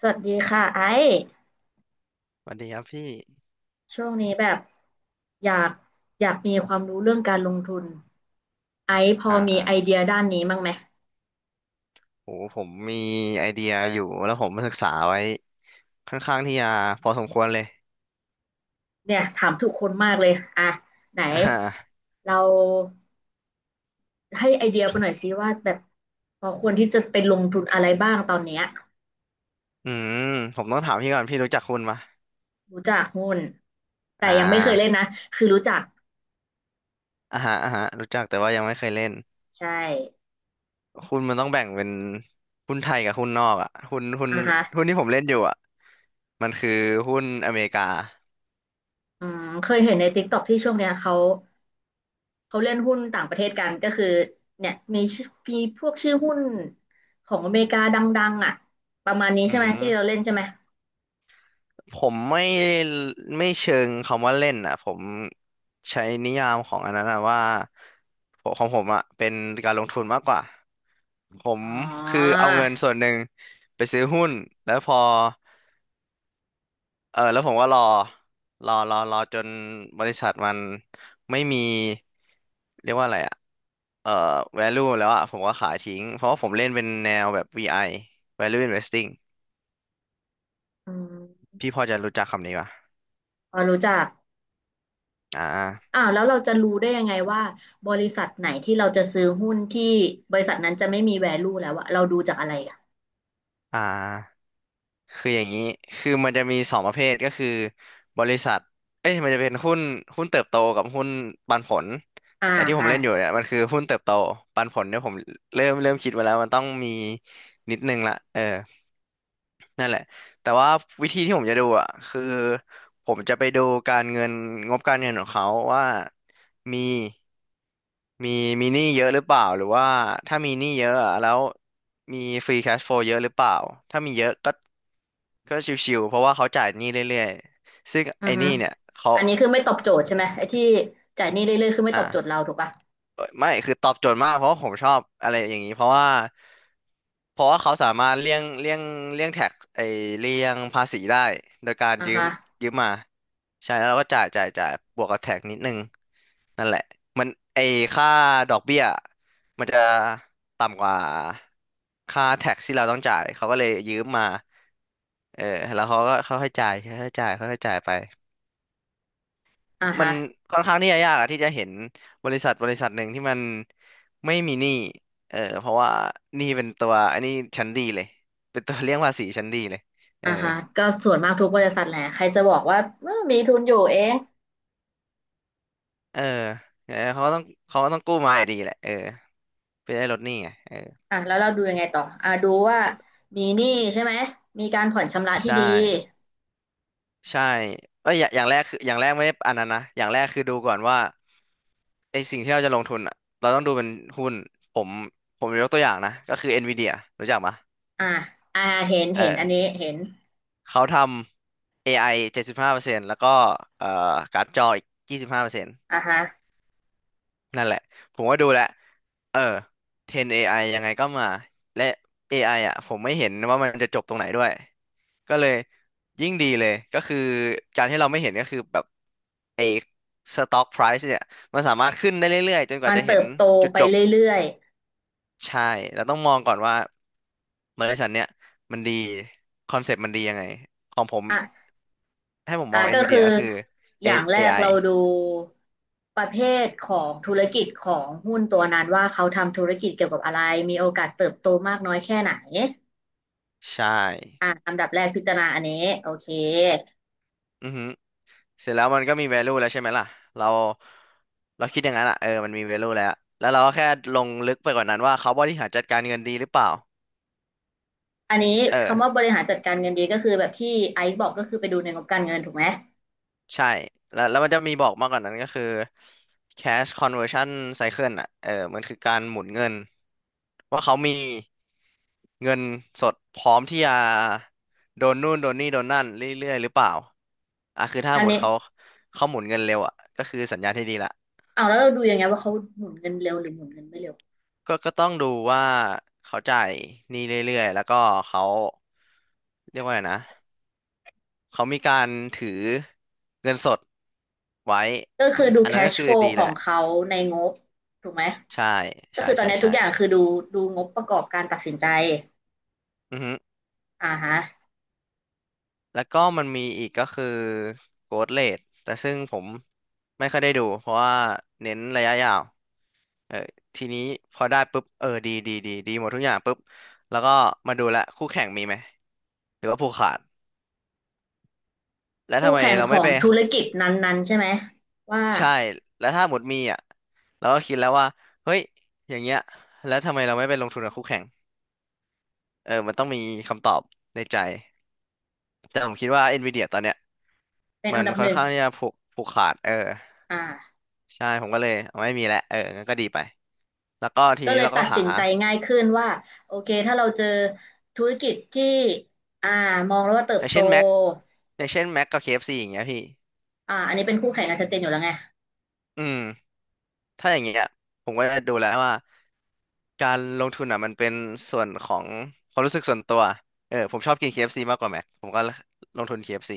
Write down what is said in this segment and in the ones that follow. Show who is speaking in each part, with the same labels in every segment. Speaker 1: สวัสดีค่ะไอ้
Speaker 2: สวัสดีครับพี่
Speaker 1: ช่วงนี้แบบอยากอยากมีความรู้เรื่องการลงทุนไอ้พอ
Speaker 2: อ่า
Speaker 1: มี
Speaker 2: อ่า
Speaker 1: ไอเดียด้านนี้บ้างไหม
Speaker 2: โหผมมีไอเดียอยู่แล้วผมมาศึกษาไว้ค่อนข้างที่จะพอสมควรเลย
Speaker 1: เนี่ยถามทุกคนมากเลยอ่ะไหน
Speaker 2: อ่า
Speaker 1: เราให้ไอเดียไปหน่อยซิว่าแบบพอควรที่จะไปลงทุนอะไรบ้างตอนเนี้ย
Speaker 2: อืมผมต้องถามพี่ก่อนพี่รู้จักคุณปะ
Speaker 1: รู้จักหุ้นแต่
Speaker 2: อ่
Speaker 1: ยังไม่เคยเล่น
Speaker 2: า
Speaker 1: นะคือรู้จัก
Speaker 2: อ่าฮะอ่าฮะรู้จักแต่ว่ายังไม่เคยเล่น
Speaker 1: ใช่
Speaker 2: คุณมันต้องแบ่งเป็นหุ้นไทยกับหุ้นนอกอ่ะ
Speaker 1: อ่ะฮะ
Speaker 2: หุ้นที่ผมเล่นอยู่อ่ะมันคือหุ้นอเมริกา
Speaker 1: อืมเคยเห็นใน t i k ตอ k ที่ช่วงเนี้ยเขาเล่นหุ้นต่างประเทศกันก็คือเนี่ยมีชื่อมีพวกชื่อหุ้นของอเมริกาดังๆอ่ะประมาณนี้
Speaker 2: อื
Speaker 1: ใช่ไหมที่เรา
Speaker 2: ม
Speaker 1: เล่นใช่ไหม
Speaker 2: ผมไม่เชิงคำว่าเล่นอ่ะผมใช้นิยามของอันนั้นอะว่าผมของผมอ่ะเป็นการลงทุนมากกว่าผม
Speaker 1: อ๋
Speaker 2: คือ
Speaker 1: อ
Speaker 2: เอาเงินส่วนหนึ่งไปซื้อหุ้นแล้วพอเออแล้วผมก็รอจนบริษัทมันไม่มีเรียกว่าอะไรอ่ะเอ่อ value แล้วอ่ะผมก็ขายทิ้งเพราะว่าผมเล่นเป็นแนวแบบ VI value investing
Speaker 1: อืม
Speaker 2: พี่พอจะรู้จักคำนี้ป่ะ
Speaker 1: พอรู้จัก
Speaker 2: อ่า
Speaker 1: อ้าวแล้วเราจะรู้ได้ยังไงว่าบริษัทไหนที่เราจะซื้อหุ้นที่บริษัทนั้นจะไม่มี value แล้วอะเราดูจากอะไรอะ
Speaker 2: อ่า คืออย่างนี้ คือมันจะมีสองประเภทก็คือบริษัทเอ้ยมันจะเป็นหุ้นเติบโตกับหุ้นปันผล
Speaker 1: อ่า
Speaker 2: แต่ที่ผม
Speaker 1: อ่า
Speaker 2: เล่นอยู่เนี่ยมันคือหุ้นเติบโตปันผลเนี่ยผมเริ่มคิดไว้แล้วมันต้องมีนิดนึงละเออ นั่นแหละแต่ว่าวิธีที่ผมจะดูอ่ะคือผมจะไปดูการเงินงบการเงินของเขาว่ามีมีมีหนี้เยอะหรือเปล่าหรือว่าถ้ามีหนี้เยอะอะแล้วมีฟรีแคชโฟลเยอะหรือเปล่าถ้ามีเยอะก็ก็ชิวๆเพราะว่าเขาจ่ายหนี้เรื่อยๆซึ่ง
Speaker 1: อื
Speaker 2: ไอ้
Speaker 1: อ
Speaker 2: ห
Speaker 1: ฮึ
Speaker 2: นี้เนี่ยเขา
Speaker 1: อันนี้คือไม่ตอบโจทย์ใช่ไหมไอ้ที่จ่ายหนี้เรื่อยๆคือไม่
Speaker 2: อ่ะ
Speaker 1: ตอบโจทย์เราถูกปะ
Speaker 2: เอ้ยไม่คือตอบโจทย์มากเพราะว่าผมชอบอะไรอย่างนี้เพราะว่าเขาสามารถเลี่ยงแท็กไอเลี่ยงภาษีได้โดยการ
Speaker 1: อ่า
Speaker 2: ยืม
Speaker 1: ฮะ
Speaker 2: มาใช่แล้วเราก็จ่ายบวกกับแท็กนิดนึงนั่นแหละมันไอค่าดอกเบี้ยมันจะต่ำกว่าค่าแท็กที่เราต้องจ่ายเขาก็เลยยืมมาเออแล้วเขาก็เขาให้จ่ายเขาให้จ่ายเขาให้จ่ายไป
Speaker 1: อ่า
Speaker 2: มั
Speaker 1: ฮะ
Speaker 2: นค่อนข้างที่จะยากอะที่จะเห็นบริษัทหนึ่งที่มันไม่มีหนี้เออเพราะว่าหนี้เป็นตัวอันนี้ชั้นดีเลยเป็นตัวเลี่ยงภาษีชั้นดีเลยเอ
Speaker 1: อ่า
Speaker 2: อ
Speaker 1: ฮะก็ส่วนมากทุกบริษัทแหละใครจะบอกว่าเอ้อมีทุนอยู่เอง
Speaker 2: เออเออเขาก็ต้องกู้มาอยู่ดีแหละเออเพื่อได้ลดหนี้ไงเออ
Speaker 1: อ่ะแล้วเราดูยังไงต่ออ่ะดูว่ามีหนี้ใช่ไหมมีการผ่อนชำระที่
Speaker 2: ใช่
Speaker 1: ดี
Speaker 2: ใช่เอ้ยอย่างแรกคืออย่างแรกไม่ได้อันนั้นนะอย่างแรกคือดูก่อนว่าไอสิ่งที่เราจะลงทุนอ่ะเราต้องดูเป็นหุ้นผมผมยกตัวอย่างนะก็คือ Nvidia รู้จักปะ
Speaker 1: อ่ะอ่ะเห็น
Speaker 2: เอ
Speaker 1: เห็นอัน
Speaker 2: อ
Speaker 1: นี้เห็น
Speaker 2: เขาทำ AI 75%แล้วก็เอ่อการ์ดจออีกยี่สิบห้าเปอร์เซ5นต์
Speaker 1: อ่ะฮะ
Speaker 2: นั่นแหละผมก็ดูแล้วเออ10 AI ยังไงก็มาและ AI อไออ่ะผมไม่เห็นว่ามันจะจบตรงไหนด้วยก็เลยยิ่งดีเลยก็คือการที่เราไม่เห็นก็คือแบบไอ้ stock price เนี่ยมันสามารถขึ้นได้เรื่อยๆจนก
Speaker 1: มั
Speaker 2: ว่า
Speaker 1: น
Speaker 2: จะเห็
Speaker 1: เติ
Speaker 2: น
Speaker 1: บโต
Speaker 2: จุด
Speaker 1: ไป
Speaker 2: จบ
Speaker 1: เรื่อย
Speaker 2: ใช่เราต้องมองก่อนว่าบริษัทเนี่ยมันดีคอนเซ็ปต์มันดียังไงของผม
Speaker 1: ๆอ่ะ
Speaker 2: ให้ผมม
Speaker 1: อ่ะ
Speaker 2: อง
Speaker 1: ก็คือ
Speaker 2: NVIDIA ก็คือ
Speaker 1: อ
Speaker 2: A-
Speaker 1: ย่างแร
Speaker 2: เอ
Speaker 1: ก
Speaker 2: ไ i
Speaker 1: เราดูประเภทของธุรกิจของหุ้นตัวนั้นว่าเขาทำธุรกิจเกี่ยวกับอะไรมีโอกาสเติบโตมากน้อยแค่ไหน
Speaker 2: ใช่
Speaker 1: อ่ะอันดับแรกพิจารณาอันนี้โอเค
Speaker 2: อือฮึเสร็จแล้วมันก็มี value แล้วใช่ไหมล่ะเราเราคิดอย่างนั้นอ่ะเออมันมี value แล้วแล้วเราก็แค่ลงลึกไปกว่านั้นว่าเขาบริหารจัดการเงินดีหรือเปล่า
Speaker 1: อันนี้
Speaker 2: เออ
Speaker 1: คำว่าบริหารจัดการเงินดีก็คือแบบที่ไอซ์บอกก็คือไปดูในงบการเงินถูกไหม
Speaker 2: ใช่แล้วมันจะมีบอกมากกว่านั้นก็คือ cash conversion cycle อ่ะเออมันคือการหมุนเงินว่าเขามี เงินสดพร้อมที่จะโดนนู่นโดนนี่โดนนั่นเรื่อยๆหรือเปล่าอ่ะคือถ้า
Speaker 1: อัน
Speaker 2: หมุด
Speaker 1: นี้
Speaker 2: เขาเขาหมุนเงินเร็วอ่ะก็คือสัญญาณที่ดีละ
Speaker 1: เอาวแล้วเราดูยังไงว่าเขาหมุนเงินเร็วหรือหมุนเงินไม่เร็ว
Speaker 2: ก็ต้องดูว่าเขาจ่ายหนี้เรื่อยๆแล้วก็เขาเรียกว่าไงนะเขามีการถือเงินสดไว้
Speaker 1: ก็คือดู
Speaker 2: อันนั้นก็
Speaker 1: cash
Speaker 2: คือ
Speaker 1: flow
Speaker 2: ดี
Speaker 1: ข
Speaker 2: แห
Speaker 1: อ
Speaker 2: ละ
Speaker 1: งเขาในงบถูกไหม
Speaker 2: ใช่
Speaker 1: ก็คือตอนนี้ทุ
Speaker 2: ใช่
Speaker 1: กอย่างคือดูดูงบประกอบการตัดสินใจ
Speaker 2: อือฮึ
Speaker 1: อ่าฮะ
Speaker 2: แล้วก็มันมีอีกก็คือ growth rate แต่ซึ่งผมไม่ค่อยได้ดูเพราะว่าเน้นระยะยาว เออทีนี้พอได้ปุ๊บเออดีหมดทุกอย่างปุ๊บแล้วก็มาดูละคู่แข่งมีไหมหรือว่าผูกขาดแล้ว
Speaker 1: คู่
Speaker 2: ทำไม
Speaker 1: แข่ง
Speaker 2: เรา
Speaker 1: ข
Speaker 2: ไม่
Speaker 1: อง
Speaker 2: ไป
Speaker 1: ธุรกิจนั้นๆใช่ไหมว่า
Speaker 2: ใช่แล้วถ้าหมดมีอ่ะเราก็คิดแล้วว่าเฮ้ยอย่างเงี้ยแล้วทำไมเราไม่ไปลงทุนกับคู่แข่งเออมันต้องมีคำตอบในใจแต่ผมคิดว่า NVIDIA ตอนเนี้ย
Speaker 1: เป็น
Speaker 2: มั
Speaker 1: อัน
Speaker 2: น
Speaker 1: ดับ
Speaker 2: ค่
Speaker 1: ห
Speaker 2: อน
Speaker 1: นึ่ง
Speaker 2: ข้างที่จะผูกขาดเออ
Speaker 1: อ่า
Speaker 2: ใช่ผมก็เลยเอาไม่มีแล้วเอองั้นก็ดีไปแล้วก็ที
Speaker 1: ก็
Speaker 2: นี้
Speaker 1: เลย
Speaker 2: เรา
Speaker 1: ตั
Speaker 2: ก็
Speaker 1: ด
Speaker 2: หา
Speaker 1: สินใจง่ายขึ้นว่าโอเคถ้าเราเจอธุรกิจที่อ่ามองแล้วว่าเติ
Speaker 2: อ
Speaker 1: บ
Speaker 2: ย่าง
Speaker 1: โต
Speaker 2: เช่น Mac อย่างเช่น Mac กับเคเอฟซีอย่างเงี้ยพี่
Speaker 1: อ่าอันนี้เป็นคู่แข่งกันชัดเจนอยู่แล้วไง
Speaker 2: อืม ถ้าอย่างเงี้ยผมก็จะดูแล้วว่าการลงทุนอ่ะมันเป็นส่วนของความรู้สึกส่วนตัวผมชอบกิน KFC มากกว่าแม็กผมก็ลงทุน KFC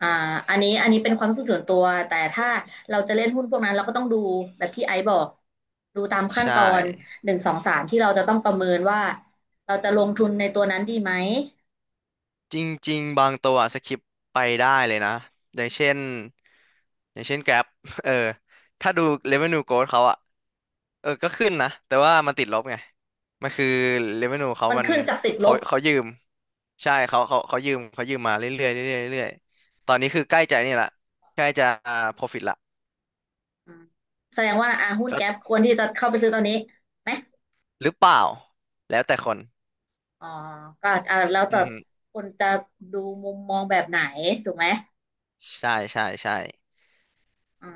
Speaker 1: อ่าอันนี้เป็นความรู้สึกส่วนตัวแต่ถ้าเราจะเล่นหุ้นพวกนั้นเราก็ต้องดูแบบที่ไอซ์บอกดูตามขั้น
Speaker 2: ใช่
Speaker 1: ตอนหนึ่งสองสามที่เราจะต้องประเมินว่าเราจะลงทุนในตัวนั้นดีไหม
Speaker 2: จริงๆบางตัวสคิปไปได้เลยนะอย่างเช่นอย่างเช่น Grab เออถ้าดู revenue growth เขาอะก็ขึ้นนะแต่ว่ามันติดลบไงมันคือ revenue เขา
Speaker 1: มัน
Speaker 2: มัน
Speaker 1: ขึ้นจากติดล
Speaker 2: เขา
Speaker 1: บ
Speaker 2: เขายืมใช่เขาเขายืมมาเรื่อยๆเรื่อยๆเรื่อยๆตอนนี้คือใกล้จะนี่ละใกล้จะ profit ละ
Speaker 1: อืมแสดงว่าอ่าหุ้น
Speaker 2: ก็
Speaker 1: แก๊ปควรที่จะเข้าไปซื้อตอนนี้ไหม
Speaker 2: หรือเปล่าแล้วแต่คน
Speaker 1: อ๋อก็อ่าแล้วแต่
Speaker 2: อืม
Speaker 1: คนจะดูมุมมองแบบไหนถูกไหม
Speaker 2: ใช่ใช่ใช่
Speaker 1: อื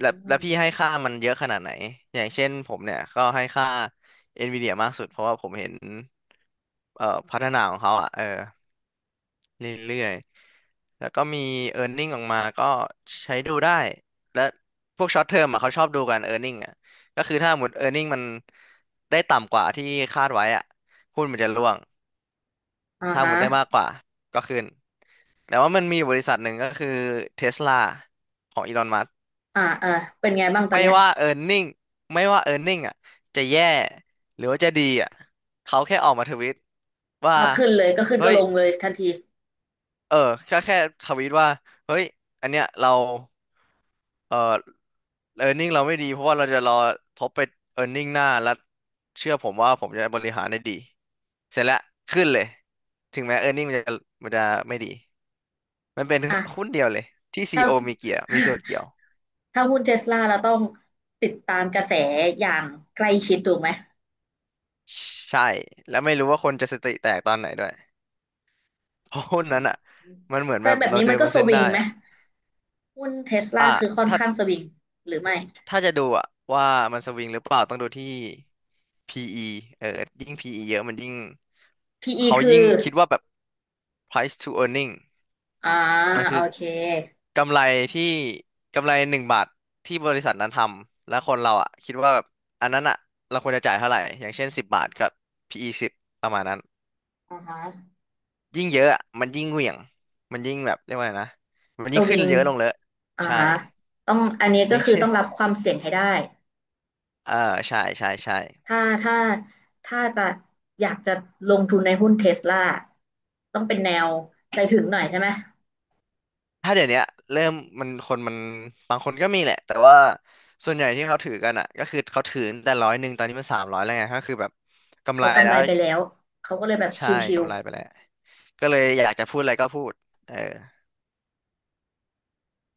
Speaker 2: แล้ว
Speaker 1: ม
Speaker 2: พี่ให้ค่ามันเยอะขนาดไหนอย่างเช่นผมเนี่ยก็ให้ค่า NVIDIA มากสุดเพราะว่าผมเห็นพัฒนาของเขาอ่ะเรื่อยๆแล้วก็มี earning ออกมาก็ใช้ดูได้และพวก short term อ่ะเขาชอบดูกัน earning อ่ะก็คือถ้าหมด earning มันได้ต่ำกว่าที่คาดไว้อ่ะหุ้นมันจะร่วง
Speaker 1: อ่า
Speaker 2: ถ้าห
Speaker 1: ฮะ
Speaker 2: มดได้มากกว่าก็ขึ้นแต่ว่ามันมีบริษัทหนึ่งก็คือ Tesla ของอีลอนมั
Speaker 1: อ่าเออเป็นไงบ้างตอน
Speaker 2: ไม่
Speaker 1: เนี้ย
Speaker 2: ว่า earning ไม่ว่า earning อ่ะจะแย่หรือว่าจะดีอ่ะเขาแค่ออกมาทวิตว่า
Speaker 1: ก็ขึ้นเลยก็ขึ้น
Speaker 2: เฮ้
Speaker 1: ก็
Speaker 2: ย
Speaker 1: ลงเลยทันที
Speaker 2: เออแค่ทวิตว่าเฮ้ยอันเนี้ยเราเออ earning เราไม่ดีเพราะว่าเราจะรอทบไป earning หน้าแล้วเชื่อผมว่าผมจะบริหารได้ดีเสร็จแล้วขึ้นเลยถึงแม้ earning มันจะไม่ดีมันเป็นหุ้น
Speaker 1: อ่ะ
Speaker 2: เดียวเลยที่ c
Speaker 1: ถ้า
Speaker 2: โ o มีเกี่ยวมีส่วนเกี่ยว
Speaker 1: ถ้าหุ้นเทสลาเราต้องติดตามกระแสอย่างใกล้ชิดถูกไหม
Speaker 2: ใช่แล้วไม่รู้ว่าคนจะสติแตกตอนไหนด้วย เพราะหุ้น
Speaker 1: อื
Speaker 2: นั้นอ่ะ
Speaker 1: ม
Speaker 2: มันเหมือน
Speaker 1: แต่
Speaker 2: แบบ
Speaker 1: แบบ
Speaker 2: เรา
Speaker 1: นี้
Speaker 2: เดิ
Speaker 1: มัน
Speaker 2: น
Speaker 1: ก็
Speaker 2: บน
Speaker 1: ส
Speaker 2: เส้น
Speaker 1: วิ
Speaker 2: ได้
Speaker 1: งไหม
Speaker 2: อ่ะ
Speaker 1: หุ้นเทสลา
Speaker 2: อ่ะ
Speaker 1: คือค่อน
Speaker 2: ถ้า
Speaker 1: ข้างสวิงหรือไม่
Speaker 2: ถ้าจะดูอ่ะว่ามันสวิงหรือเปล่าต้องดูที่ PE เออยิ่ง PE เยอะมันยิ่ง
Speaker 1: PE
Speaker 2: เขา
Speaker 1: คือ
Speaker 2: ยิ่งคิดว่าแบบ price to earning
Speaker 1: อ่า
Speaker 2: มัน
Speaker 1: โอ
Speaker 2: คือ
Speaker 1: เค
Speaker 2: กำไรที่กำไร1 บาทที่บริษัทนั้นทำแล้วคนเราอ่ะคิดว่าแบบอันนั้นอ่ะเราควรจะจ่ายเท่าไหร่อย่างเช่น10 บาทกับ PE 10ประมาณนั้น
Speaker 1: อ่าฮะ
Speaker 2: ยิ่งเยอะอะมันยิ่งเหวี่ยงมันยิ่งแบบเรียกว่าไงนะมัน
Speaker 1: ส
Speaker 2: ยิ่ง
Speaker 1: วิ
Speaker 2: ขึ้น
Speaker 1: ง
Speaker 2: เยอะลงเลยอะ
Speaker 1: อ่า
Speaker 2: ใช่
Speaker 1: ต้องอันนี้
Speaker 2: อ
Speaker 1: ก็
Speaker 2: ย่าง
Speaker 1: คือ
Speaker 2: เช่
Speaker 1: ต้
Speaker 2: น
Speaker 1: องรับค วามเสี่ยงให้ได้
Speaker 2: เออใช่ ใช่ ใช่
Speaker 1: ถ้าถ้าถ้าจะอยากจะลงทุนในหุ้นเทสลาต้องเป็นแนวใจถึงหน่อยใช่ไหม
Speaker 2: ถ้าเดี๋ยวเนี้ยเริ่มมันคนมัน บางคนก็มีแหละแต่ว่าส่วนใหญ่ที่เขาถือกันอ่ะก็คือเขาถือแต่100ตอนนี้มัน300แล้วไงก็คือแบบกำ
Speaker 1: เขา
Speaker 2: ไร
Speaker 1: กำ
Speaker 2: แล้
Speaker 1: ไร
Speaker 2: ว
Speaker 1: ไปแล้วเขาก็เลยแบบช
Speaker 2: ใช่
Speaker 1: ิว
Speaker 2: กำไรไปแล้วก็เลยอยากจะพูดอะไรก็พูดเออ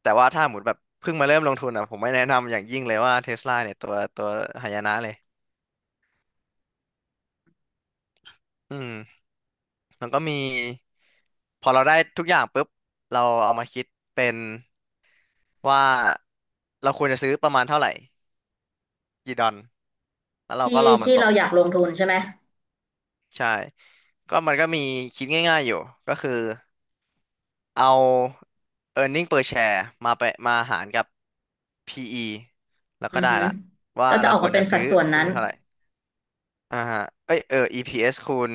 Speaker 2: แต่ว่าถ้าหมุดแบบเพิ่งมาเริ่มลงทุนอ่ะผมไม่แนะนำอย่างยิ่งเลยว่าเทสลาเนี่ยตัวหายนะเลยอืมมันก็มีพอเราได้ทุกอย่างปุ๊บเราเอามาคิดเป็นว่าเราควรจะซื้อประมาณเท่าไหร่กี่ดอน แล้วเราก็
Speaker 1: ที่
Speaker 2: รอมัน
Speaker 1: ที่
Speaker 2: ต
Speaker 1: เรา
Speaker 2: ก
Speaker 1: อยากลงทุนใช่ไหม
Speaker 2: ใช่ก็มันก็มีคิดง่ายๆอยู่ก็คือเอา earning per share มาไปมาหารกับ PE แล้วก็
Speaker 1: อือ
Speaker 2: ได้
Speaker 1: ฮึ
Speaker 2: ละว่า
Speaker 1: ก็จะ
Speaker 2: เรา
Speaker 1: ออก
Speaker 2: คว
Speaker 1: มา
Speaker 2: ร
Speaker 1: เป็
Speaker 2: จะ
Speaker 1: นสั
Speaker 2: ซื้
Speaker 1: ด
Speaker 2: อ
Speaker 1: ส่วน
Speaker 2: หุ้น
Speaker 1: นั้น
Speaker 2: มันเท่าไหร่อ่าฮะเอ้ยEPS คูณ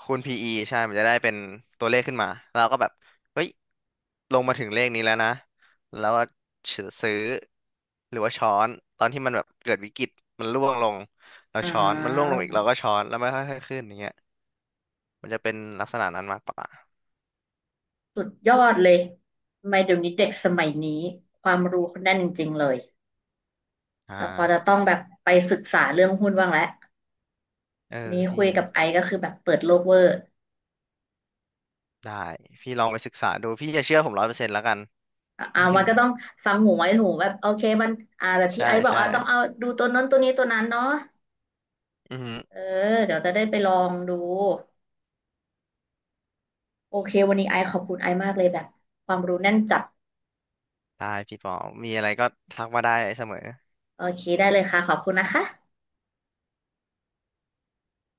Speaker 2: คูณ PE ใช่มันจะได้เป็นตัวเลขขึ้นมาแล้วเราก็แบบเฮ้ยลงมาถึงเลขนี้แล้วนะแล้วก็ซื้อหรือว่าช้อนตอนที่มันแบบเกิดวิกฤตมันร่วงลงเรา
Speaker 1: อ่
Speaker 2: ช้อนมันร่วงล
Speaker 1: า
Speaker 2: งอีกเราก็ช้อนแล้วไม่ค่อยๆขึ้นอย่างเงี้ย มันจะเป็นลักษณะนั้นมากกว่า
Speaker 1: สุดยอดเลยทำไมเดี๋ยวนี้เด็กสมัยนี้ ความรู้เขาแน่นจริงๆเลย
Speaker 2: อ่
Speaker 1: เราพอจะ
Speaker 2: า
Speaker 1: ต้องแบบไปศึกษาเรื่องหุ้นบ้างแล้ว
Speaker 2: เอ
Speaker 1: วัน
Speaker 2: อ
Speaker 1: นี้คุย
Speaker 2: พี่
Speaker 1: กับไอซ์ก็คือแบบเปิดโลกเวอร์
Speaker 2: ได้พี่ลองไปศึกษาดูพี่จะเชื่อผม100%แล้วกัน
Speaker 1: อ่ะอ่ามันก็ต้องฟังหูไว้หูแบบโอเคมันอ่าแบบ ที่
Speaker 2: ใช่
Speaker 1: ไอซ์บอก
Speaker 2: ใช่
Speaker 1: อ่าต้องเอาดูตัวนั้นตัวนี้ตัวนั้นเนาะ
Speaker 2: อือฮึ
Speaker 1: เออเดี๋ยวจะได้ไปลองดูโอเควันนี้ไอซ์ขอบคุณไอซ์มากเลยแบบความรู้แน่นจัด
Speaker 2: ได้พี่ปอมีอะไรก็ทักมาได้เสมอ
Speaker 1: โอเคได้เลยค่ะขอบคุณนะคะ